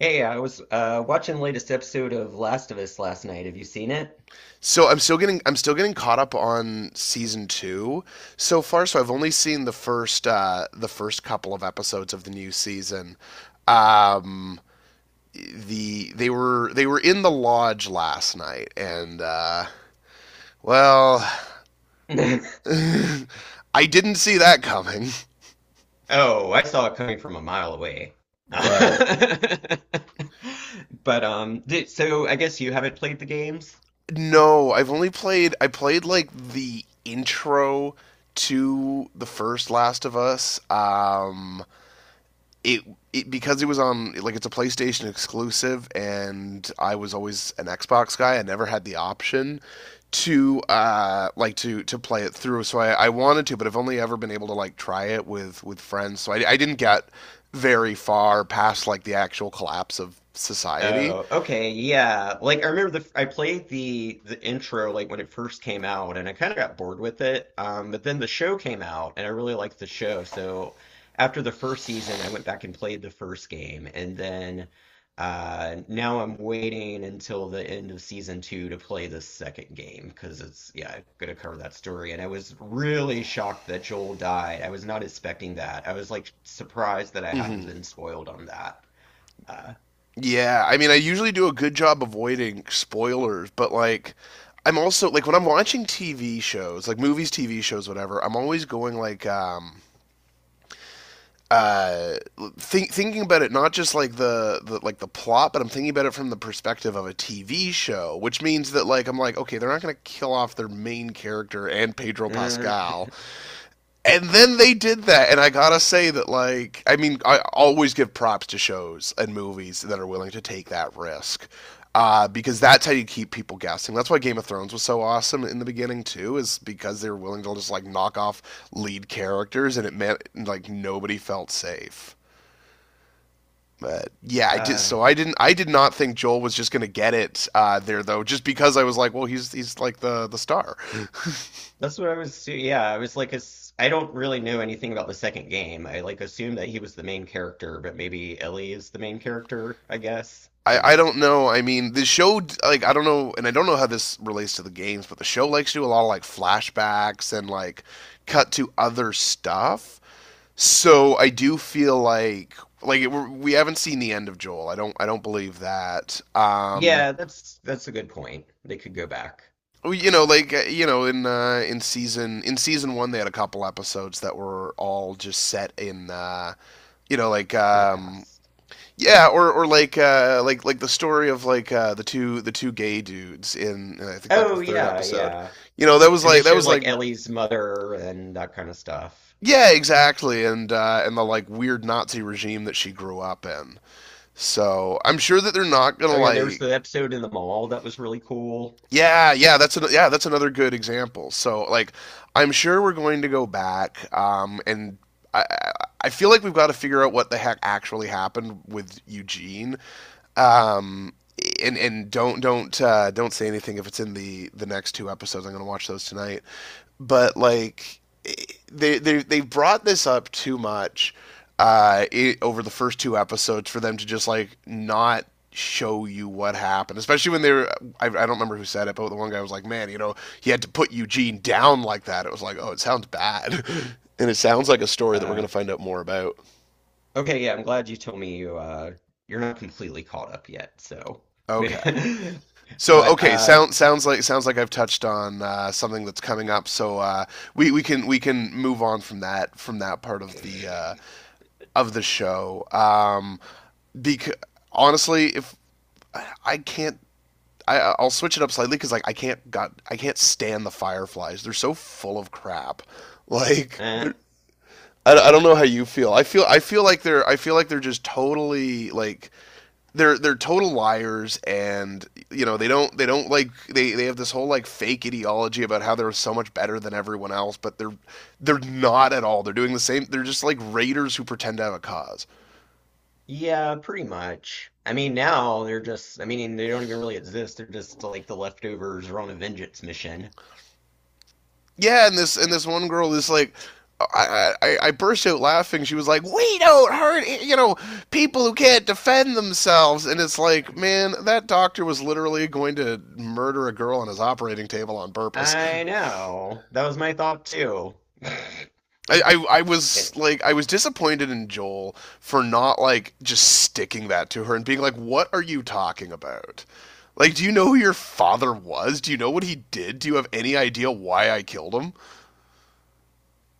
Hey, I was watching the latest episode of Last of Us last night. Have you seen it? So I'm still getting caught up on season two so far. So I've only seen the first couple of episodes of the new season. Um, they were in the lodge last night, and well, I didn't see that coming. Oh, I saw it coming from a mile away. But But So I guess you haven't played the games? no, I played like the intro to the first Last of Us. It, it Because it was on like it's a PlayStation exclusive, and I was always an Xbox guy. I never had the option to play it through, so I wanted to, but I've only ever been able to like try it with friends, so I didn't get very far past like the actual collapse of society. Oh, okay, yeah. Like I remember the I played the intro like when it first came out, and I kind of got bored with it. But then the show came out, and I really liked the show. So after the first season, I went back and played the first game, and then now I'm waiting until the end of season two to play the second game because it's yeah, gonna cover that story. And I was really shocked that Joel died. I was not expecting that. I was like surprised that I Hmm. hadn't been spoiled on that. Yeah, I mean, I usually do a good job avoiding spoilers, but like I'm also like when I'm watching TV shows, like movies, TV shows, whatever, I'm always going like uh, thinking about it, not just like the plot, but I'm thinking about it from the perspective of a TV show, which means that like I'm like, okay, they're not going to kill off their main character and Pedro Uh, Pascal, and then they did that. And I gotta say that, I always give props to shows and movies that are willing to take that risk, because that's how you keep people guessing. That's why Game of Thrones was so awesome in the beginning too, is because they were willing to just like knock off lead characters, and it meant like nobody felt safe. But yeah, I did. Uh, So I didn't. I did not think Joel was just gonna get it there, though, just because I was like, well, he's like the star. that's what I was. Assu- Yeah, I was like, I don't really know anything about the second game. I like assumed that he was the main character, but maybe Ellie is the main character, I guess. I don't know. I mean, the show, like, I don't know, and I don't know how this relates to the games, but the show likes to do a lot of, like, flashbacks and, like, cut to other stuff. So I do feel like, we have not seen the end of Joel. I don't believe that. Yeah, that's a good point. They could go back, Well, you know, uh, like, you know, in season one, they had a couple episodes that were all just set in, you know, like, in the um, past. yeah, or like the story of like the two gay dudes in I think like Oh the third yeah, episode. yeah. You know, that was And they like showed like Ellie's mother and that kind of stuff. yeah, exactly. And and the like weird Nazi regime that she grew up in. So I'm sure that they're not gonna Oh yeah, there was like, the episode in the mall that was really cool. yeah, yeah, that's another good example. So like I'm sure we're going to go back, and I I- I feel like we've got to figure out what the heck actually happened with Eugene. Um, and don't say anything if it's in the next two episodes. I'm gonna watch those tonight. But like they brought this up too much over the first two episodes for them to just like not show you what happened, especially when they were I don't remember who said it, but the one guy was like, man, you know, he had to put Eugene down like that, it was like, oh, it sounds bad and it sounds like a story that we're going Uh, to find out more about. Okay, yeah, I'm glad you told me you're not completely caught up yet, so Okay. So but okay, uh sounds like I've touched on something that's coming up. So we can move on from that, from that part of the show. Because honestly, if I can't. I'll switch it up slightly because like I can't stand the Fireflies. They're so full of crap. Like eh, they're, I don't know how you feel. I feel like they're I feel like they're just totally like they're total liars, and you know they don't like they have this whole like fake ideology about how they're so much better than everyone else, but they're not at all. They're doing the same. They're just like raiders who pretend to have a cause. yeah, pretty much. I mean now they're just I mean they don't even really exist. They're just like the leftovers are on a vengeance mission. Yeah, and this one girl is like, I burst out laughing. She was like, "We don't hurt, you know, people who can't defend themselves." And it's like, man, that doctor was literally going to murder a girl on his operating table on purpose. I know. That was my thought too. I, I was like, I was disappointed in Joel for not like just sticking that to her and being like, "What are you talking about? Like, do you know who your father was? Do you know what he did? Do you have any idea why I killed him?"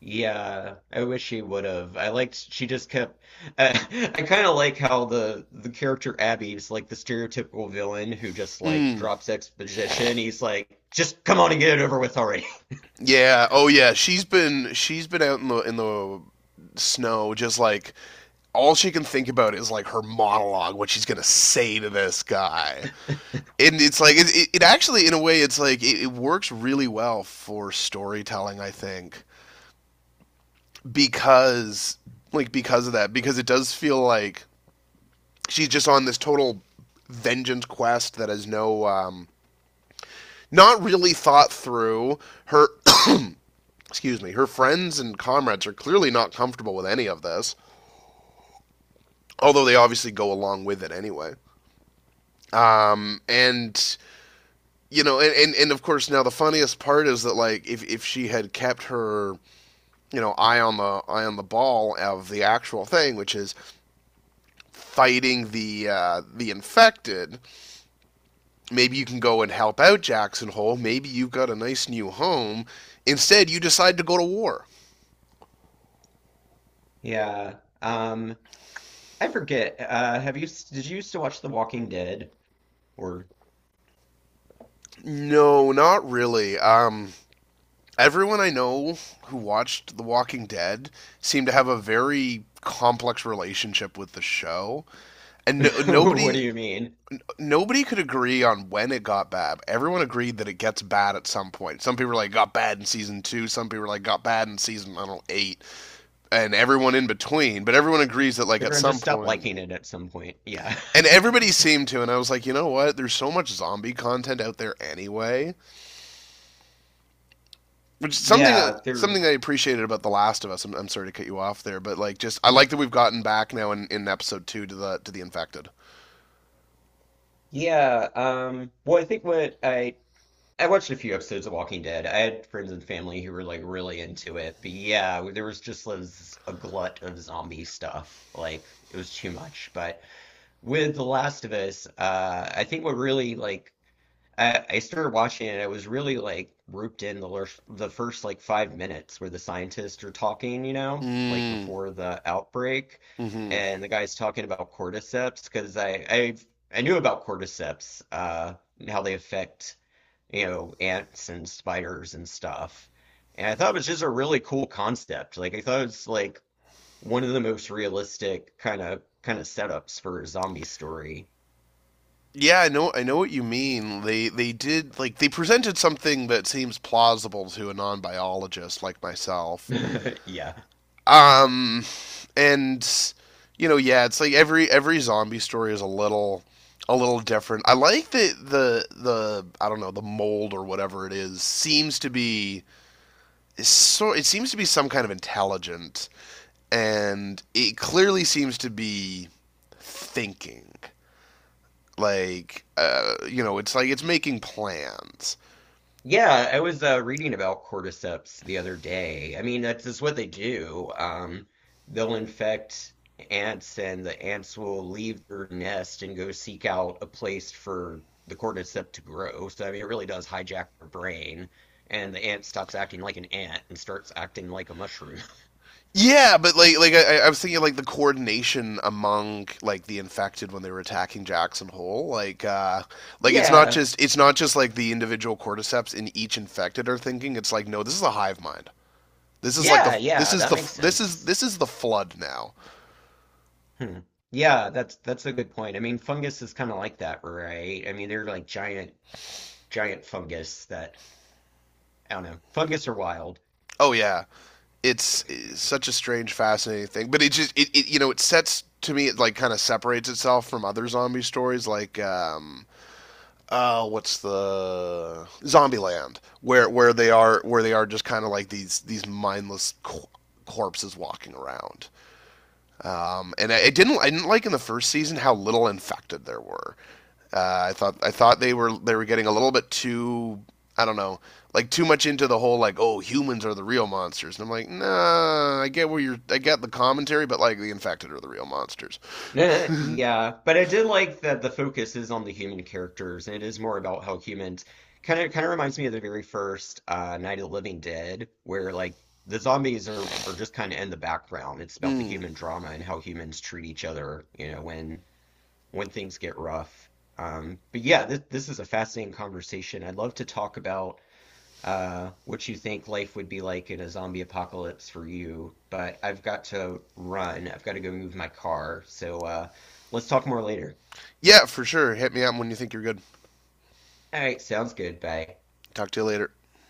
Yeah, I wish she would have. I liked she just kept I, I kind of like how the character Abby is like the stereotypical villain who just like Mm, drops exposition. He's like, "Just come on and get it over with already." yeah. Oh yeah. She's been out in the snow just like all she can think about is like her monologue, what she's gonna say to this guy, and it's like it actually, in a way, it's like it works really well for storytelling, I think, because like because of that, because it does feel like she's just on this total vengeance quest that has not really thought through her excuse me, her friends and comrades are clearly not comfortable with any of this, although they obviously go along with it anyway. And You know, and of course now the funniest part is that like if she had kept her, you know, eye on the ball of the actual thing, which is fighting the infected, maybe you can go and help out Jackson Hole. Maybe you've got a nice new home. Instead, you decide to go to war. Yeah. I forget. Have you Did you used to watch The Walking Dead or No, not really. Everyone I know who watched The Walking Dead seemed to have a very complex relationship with the show, and what do you mean? nobody could agree on when it got bad. Everyone agreed that it gets bad at some point. Some people were like got bad in season two. Some people were like got bad in season, I don't know, eight, and everyone in between. But everyone agrees that like So at everyone some just stopped point, liking it at some point. Yeah. and everybody seemed to, and I was like, you know what? There's so much zombie content out there anyway. Which is something, Yeah, they're I appreciated about The Last of Us. I'm sorry to cut you off there, but like, just I no- like that we've gotten back now in episode two to the infected. Yeah, well I think what I watched a few episodes of Walking Dead. I had friends and family who were like really into it, but yeah, there was just was a glut of zombie stuff. Like it was too much. But with The Last of Us, I started watching it. I was really like roped in the first like 5 minutes where the scientists are talking, you know, like Mm. before the outbreak, Hmm. and the guy's talking about cordyceps because I knew about cordyceps, and how they affect you know, ants and spiders and stuff. And I thought it was just a really cool concept. Like I thought it was like one of the most realistic kind of setups for a zombie story. Yeah, I know. I know what you mean. They did like they presented something that seems plausible to a non biologist like myself. Yeah. Um, and you know, yeah, it's like every zombie story is a little, different. I like that the I don't know the mold or whatever it is seems to be, so it seems to be some kind of intelligent, and it clearly seems to be thinking. Like you know, it's like it's making plans. Yeah, I was reading about cordyceps the other day. I mean, that's just what they do. They'll infect ants, and the ants will leave their nest and go seek out a place for the cordyceps to grow. So, I mean, it really does hijack their brain, and the ant stops acting like an ant and starts acting like a mushroom. Yeah, but like I was thinking like the coordination among like the infected when they were attacking Jackson Hole, like Yeah, it's not just like the individual cordyceps in each infected are thinking. It's like, no, this is a hive mind. This is like yeah, yeah, that the makes sense. this is the flood now. Hmm. Yeah, that's a good point. I mean, fungus is kind of like that, right? I mean, they're like giant fungus that I don't know. Fungus are wild. Oh yeah, it's such a strange, fascinating thing. But it you know it sets, to me it like kind of separates itself from other zombie stories like what's the Zombieland, where where they are just kind of like these mindless corpses walking around. And I didn't like in the first season how little infected there were. I thought they were getting a little bit too, I don't know, like too much into the whole like, oh, humans are the real monsters, and I'm like, nah, I get where you're, I get the commentary, but like the infected are the real monsters. Yeah, but I did like that the focus is on the human characters, and it is more about how humans kind of reminds me of the very first Night of the Living Dead, where like the zombies are just kind of in the background. It's about the Mm. human drama and how humans treat each other, you know, when things get rough. But yeah, this is a fascinating conversation. I'd love to talk about what you think life would be like in a zombie apocalypse for you, but I've got to run. I've got to go move my car. So let's talk more later. Yeah, for sure. Hit me up when you think you're good. All right, sounds good. Bye. Talk to you later.